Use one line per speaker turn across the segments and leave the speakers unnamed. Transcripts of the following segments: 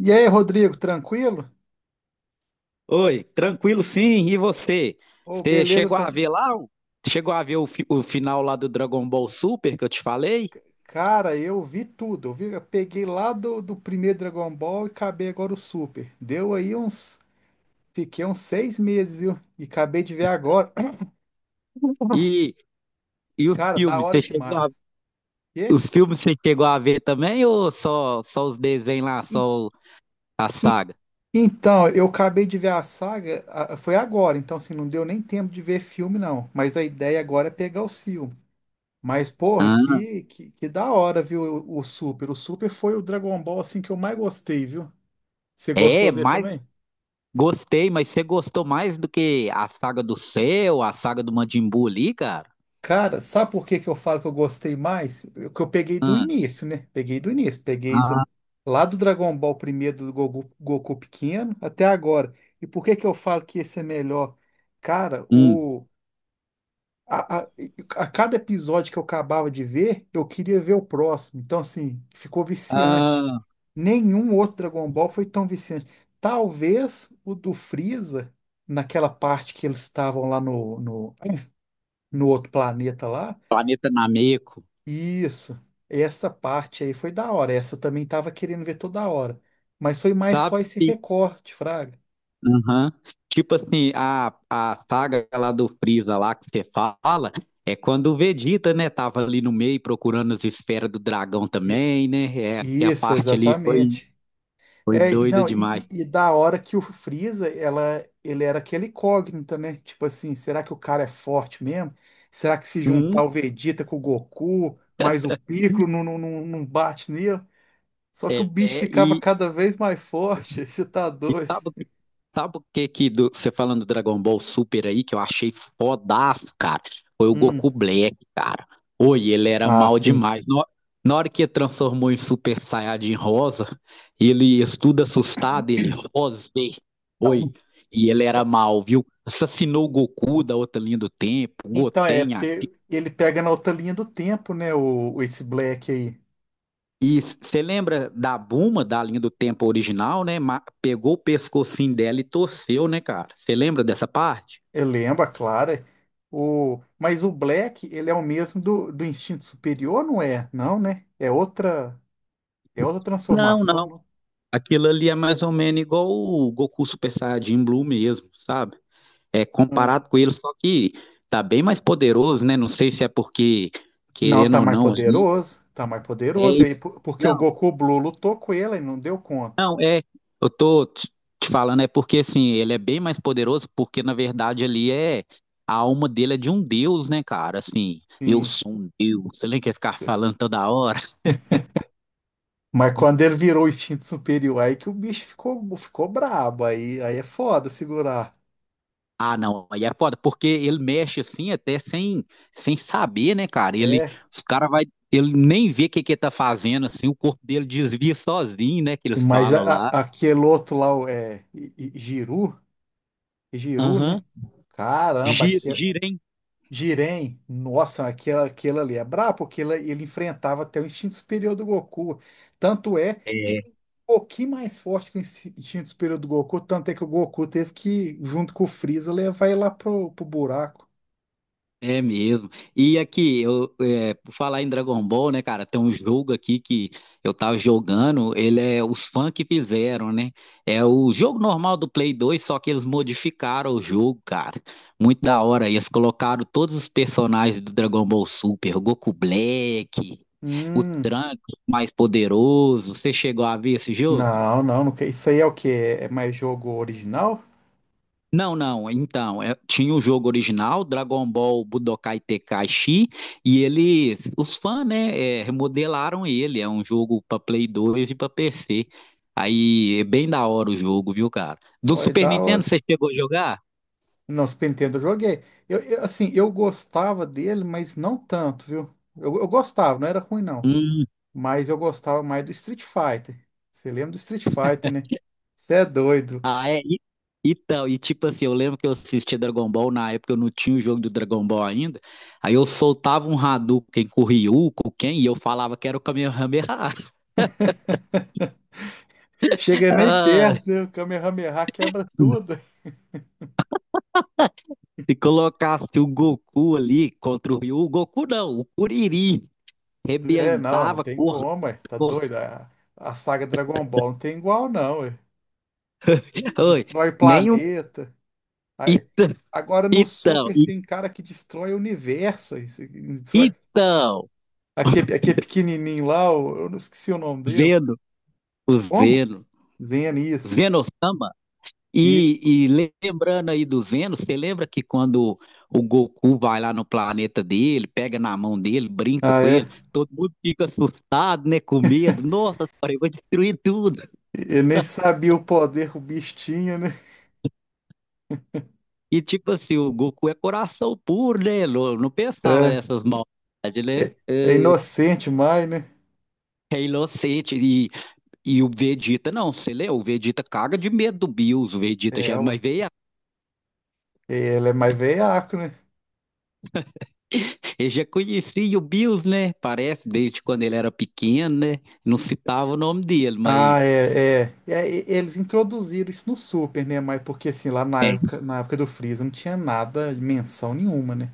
E aí, Rodrigo, tranquilo?
Oi, tranquilo sim. E você?
Ô,
Você
beleza.
chegou a ver lá? Chegou a ver o final lá do Dragon Ball Super que eu te falei?
Cara, eu vi tudo. Eu peguei lá do primeiro Dragon Ball e acabei agora o Super. Deu aí uns. Fiquei uns seis meses, viu? E acabei de ver agora.
E, e os
Cara, da
filmes?
hora demais. Quê?
Os filmes você chegou a ver também ou só os desenhos lá,
E-
a
e-
saga?
Então, eu acabei de ver a saga, foi agora, então assim, não deu nem tempo de ver filme, não. Mas a ideia agora é pegar os filmes. Mas, porra,
Ah,
que da hora, viu, o Super. O Super foi o Dragon Ball, assim, que eu mais gostei, viu? Você
é,
gostou dele
mas
também?
gostei, mas você gostou mais do que a saga do Cell, a saga do Majin Buu ali, cara?
Cara, sabe por que que eu falo que eu gostei mais? Que eu peguei do
Ah,
início, né? Peguei do início,
ah,
lá do Dragon Ball primeiro do Goku, Goku pequeno até agora. E por que que eu falo que esse é melhor? Cara,
hum,
a, a, a cada episódio que eu acabava de ver, eu queria ver o próximo. Então, assim, ficou viciante.
ah,
Nenhum outro Dragon Ball foi tão viciante. Talvez o do Freeza, naquela parte que eles estavam lá no outro planeta lá.
planeta Nameco,
Isso. Essa parte aí foi da hora. Essa eu também tava querendo ver toda hora. Mas foi mais só esse
sabe?
recorte, Fraga.
Aham. Tipo assim, a saga lá do Freeza lá que você fala, é quando o Vegeta, né, tava ali no meio procurando as esferas do dragão
E-
também, né? É, que a
Isso,
parte ali foi,
exatamente.
foi
É, e
doida
não,
demais.
e da hora que o Freeza, ele era aquele incógnita, né? Tipo assim, será que o cara é forte mesmo? Será que se
Hum,
juntar o Vegeta com o Goku, mais o Piccolo, não bate nele? Só que o
é,
bicho
é,
ficava
e,
cada vez mais forte. Você tá
E
doido?
sabe, sabe o que que do- você falando do Dragon Ball Super aí, que eu achei fodaço, cara? Foi o Goku
Hum.
Black, cara. Oi, ele era
Ah,
mal
sim.
demais. Na hora que ele transformou em Super Saiyajin Rosa, ele estuda assustado, ele, Rosbei. Oi, e ele era mal, viu? Assassinou o Goku da outra linha do tempo,
Então, é
Goten, a
porque ele pega na outra linha do tempo, né? Esse Black aí.
e você lembra da Buma da linha do tempo original, né? Pegou o pescocinho dela e torceu, né, cara? Você lembra dessa parte?
Eu lembro, a Clara. O, mas o Black, ele é o mesmo do instinto superior, não é? Não, né? É outra
Não,
transformação,
não.
não?
Aquilo ali é mais ou menos igual o Goku Super Saiyajin Blue mesmo, sabe? É
Hum.
comparado com ele, só que tá bem mais poderoso, né? Não sei se é porque,
Não,
querendo
tá
ou
mais
não, ali.
poderoso. Tá mais
É,
poderoso aí, porque o
não,
Goku Blue lutou com ele e não deu conta.
não, é. Eu tô te falando, é porque assim, ele é bem mais poderoso, porque na verdade ali é. A alma dele é de um deus, né, cara? Assim, eu
Sim.
sou um deus. Você nem quer ficar falando toda hora.
Mas quando ele virou o instinto superior, aí que o bicho ficou, ficou brabo. Aí é foda segurar.
Ah, não, aí é foda, porque ele mexe assim até sem saber, né, cara? Ele,
É.
os cara vai, ele nem vê o que que ele tá fazendo, assim, o corpo dele desvia sozinho, né, que eles
Mas a-
falam lá.
aquele outro lá, o, é, I- I- Giru, é Giru,
Aham.
né? Caramba,
Gira,
aquele,
gira, hein?
Jiren, nossa, aquela ali é brabo, porque ele enfrentava até o instinto superior do Goku. Tanto é que
É.
ele é um pouquinho mais forte que o instinto superior do Goku, tanto é que o Goku teve que, junto com o Freeza, levar ele lá pro buraco.
É mesmo. E aqui, eu, é, por falar em Dragon Ball, né, cara, tem um jogo aqui que eu tava jogando, ele é os fãs que fizeram, né? É o jogo normal do Play 2, só que eles modificaram o jogo, cara. Muito da hora. Eles colocaram todos os personagens do Dragon Ball Super, o Goku Black, o
Hum,
Trunks mais poderoso. Você chegou a ver esse jogo?
não, não, não, isso aí é o quê? É mais jogo original?
Não, não. Então, tinha o jogo original, Dragon Ball Budokai Tenkaichi, e eles, os fãs, né, remodelaram ele. É um jogo para Play 2 e para PC. Aí é bem da hora o jogo, viu, cara? Do
Vai
Super Nintendo
dar
você chegou a jogar?
Não, Super Nintendo eu joguei. Assim, eu gostava dele, mas não tanto, viu? Eu gostava, não era ruim não.
Hum,
Mas eu gostava mais do Street Fighter. Você lembra do Street Fighter, né? Você é doido.
ah, é. Então, e tipo assim, eu lembro que eu assistia Dragon Ball, na época eu não tinha o jogo do Dragon Ball ainda. Aí eu soltava um Hadouken com o Ryu, com quem, e eu falava que era o Kamehameha.
Chega nem
Ah.
perto, né? O Kamehameha quebra tudo.
Se colocasse o Goku ali contra o Ryu, o Goku não, o Kuririn
É, não, não
rebentava,
tem
corta,
como, ué. Tá
corta.
doido. A saga Dragon Ball não tem igual, não, ué.
Oi,
Destrói
nem um.
planeta. Aí-
Ita-
Agora no
Então,
Super
i-
tem cara que destrói o universo, ué. Você destrói...
então,
Aqui, aqui é pequenininho lá, eu não esqueci o nome dele.
Zeno, o
Como?
Zeno,
Zenias.
Zeno-sama.
Isso.
E, e lembrando aí do Zeno, você lembra que quando o Goku vai lá no planeta dele, pega na mão dele, brinca
Ah,
com
é.
ele, todo mundo fica assustado, né, com medo. Nossa, cara, eu vou destruir tudo.
Eu nem sabia o poder que o bicho tinha, né?
E tipo assim, o Goku é coração puro, né? Não, não pensava
É,
nessas maldades, né?
é inocente mais, né?
É inocente. E o Vegeta, não, você lê? O Vegeta caga de medo do Bills. O Vegeta
É,
já, mas
ué.
veio,
Ele é mais veiaco, né?
ele já conhecia o Bills, né? Parece, desde quando ele era pequeno, né? Não citava o nome dele, mas
É, eles introduziram isso no Super, né? Mas porque assim, lá na época do Freeza não tinha nada, menção nenhuma, né?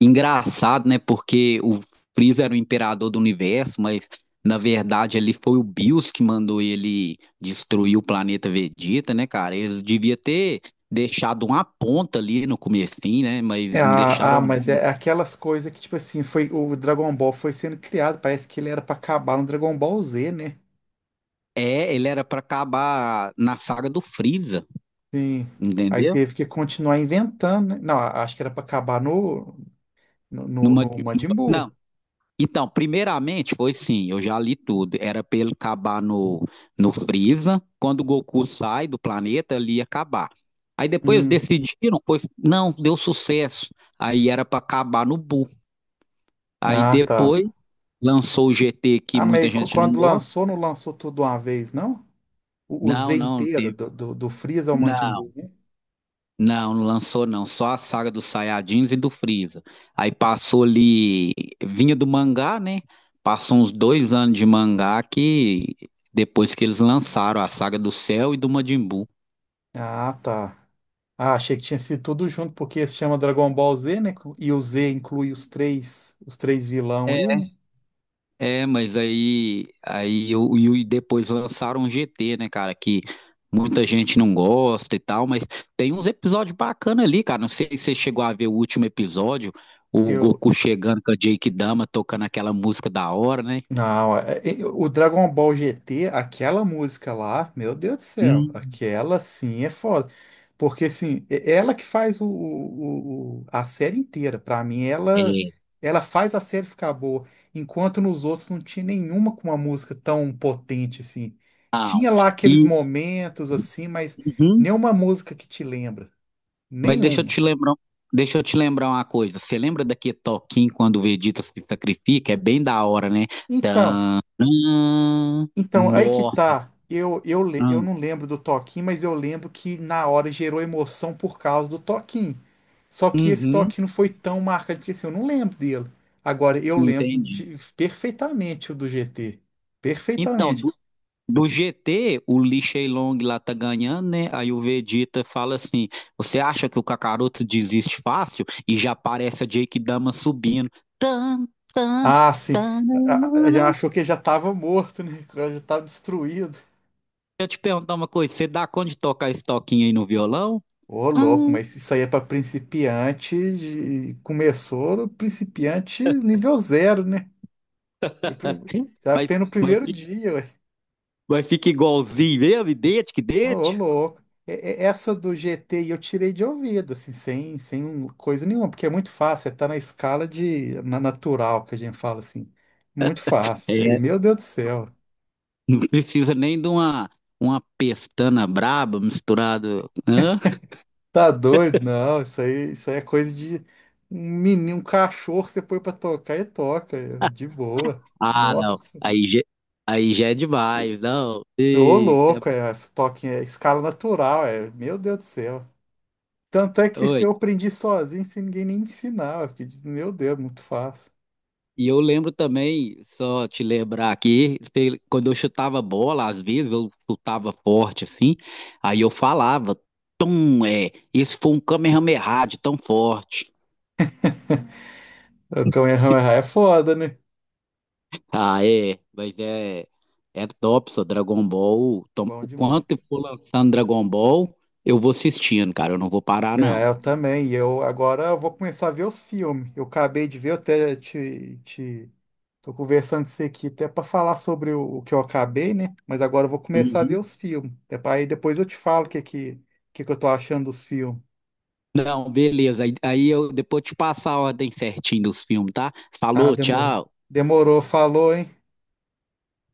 engraçado, né? Porque o Freeza era o imperador do universo, mas na verdade ali foi o Bills que mandou ele destruir o planeta Vegeta, né, cara? Eles devia ter deixado uma ponta ali no comecinho, né?
É,
Mas não deixaram
mas
nada.
é aquelas coisas que, tipo assim, foi, o Dragon Ball foi sendo criado, parece que ele era pra acabar no Dragon Ball Z, né?
É, ele era pra acabar na saga do Freeza,
Sim. Aí
entendeu?
teve que continuar inventando, né? Não, acho que era para acabar
Numa,
no Majin
numa-
Buu.
Então, primeiramente foi sim, eu já li tudo. Era pra ele acabar no Freeza. Quando o Goku sai do planeta, ele ia acabar. Aí depois
Hum.
decidiram, foi, não, deu sucesso. Aí era pra acabar no Buu. Aí
Ah, tá.
depois lançou o GT que
Ah,
muita
mas
gente não
quando
gosta.
lançou, não lançou tudo uma vez, não? O
Não,
Z
não,
inteiro,
teve.
do Freeza ao Majin Buu,
Não.
né?
Não, não lançou não, só a saga dos Saiyajins e do Freeza. Aí passou ali, vinha do mangá, né? Passou uns 2 anos de mangá que depois que eles lançaram a saga do Cell e do Majin Buu.
Ah, tá. Ah, achei que tinha sido tudo junto, porque se chama Dragon Ball Z, né? E o Z inclui os três vilão aí, né?
É, mas aí eu, e depois lançaram o GT, né, cara, que muita gente não gosta e tal, mas tem uns episódios bacanas ali, cara. Não sei se você chegou a ver o último episódio, o
Eu,
Goku chegando com a Jake Dama tocando aquela música da hora, né?
não, o Dragon Ball GT, aquela música lá, meu Deus do céu,
Hum.
aquela sim é foda. Porque assim, é ela que faz o, a série inteira. Pra mim,
É,
ela faz a série ficar boa. Enquanto nos outros não tinha nenhuma com uma música tão potente assim.
não.
Tinha lá aqueles
E,
momentos assim, mas
uhum,
nenhuma música que te lembra.
mas deixa eu
Nenhuma.
te lembrar, um, deixa eu te lembrar uma coisa. Você lembra daquele toquinho quando o Vegeta se sacrifica? É bem da hora, né?
Então.
Tanã.
Então, aí que
Nó.
tá. Eu
Hum.
não lembro do toquinho, mas eu lembro que na hora gerou emoção por causa do toquinho. Só que esse
Uhum,
toquinho não foi tão marcante, porque assim, eu não lembro dele. Agora, eu lembro
entendi.
de, perfeitamente o do GT.
Então,
Perfeitamente.
do GT, o Lee Long lá tá ganhando, né? Aí o Vegeta fala assim: Você acha que o Kakaroto desiste fácil? E já aparece a Jake Dama subindo. Tan, tan,
Ah, sim.
tan,
Já achou que já estava morto, né? Que já estava destruído.
eu te perguntar uma coisa, você dá conta de tocar esse toquinho aí no violão?
Ô, louco,
Hum.
mas isso aí é pra principiante. Começou no principiante nível zero, né? Você
Mas,
aprende no
mas,
primeiro
fica,
dia.
mas fica igualzinho mesmo, idêntico,
Ô,
idêntico.
louco. Essa do GT eu tirei de ouvido, assim, sem um, coisa nenhuma, porque é muito fácil, é tá na escala de, na natural que a gente fala, assim. Muito fácil. Aí,
É.
meu Deus do céu,
Não precisa nem de uma pestana braba misturada. Hã?
tá doido? Não, isso aí é coisa de um menino, um cachorro, que você põe pra tocar e toca, é, de boa.
Ah,
Nossa
não.
Senhora.
Aí já é
E-
demais, não.
Ô,
Ei, isso é...
louco, é, toque, é escala natural, é, meu Deus do céu. Tanto é que se eu
Oi.
aprendi sozinho, sem ninguém nem me ensinar, eu fiquei de- meu Deus, muito fácil.
E eu lembro também, só te lembrar aqui, quando eu chutava bola, às vezes eu chutava forte assim, aí eu falava, tum, é, esse foi um Kamehameha de tão forte.
O Kamehameha é foda, né?
Ah, é, mas é top, só Dragon Ball.
Bom
O
demais.
quanto eu for lançando Dragon Ball, eu vou assistindo, cara, eu não vou parar,
É,
não.
eu também. E eu agora eu vou começar a ver os filmes. Eu acabei de ver, eu até te tô conversando com você aqui até para falar sobre o que eu acabei, né? Mas agora eu vou começar a ver
Uhum.
os filmes. É para aí depois eu te falo que eu tô achando dos filmes.
Não, beleza, aí eu depois te passo a ordem certinho dos filmes, tá?
Ah,
Falou,
demorou.
tchau.
Demorou, falou, hein?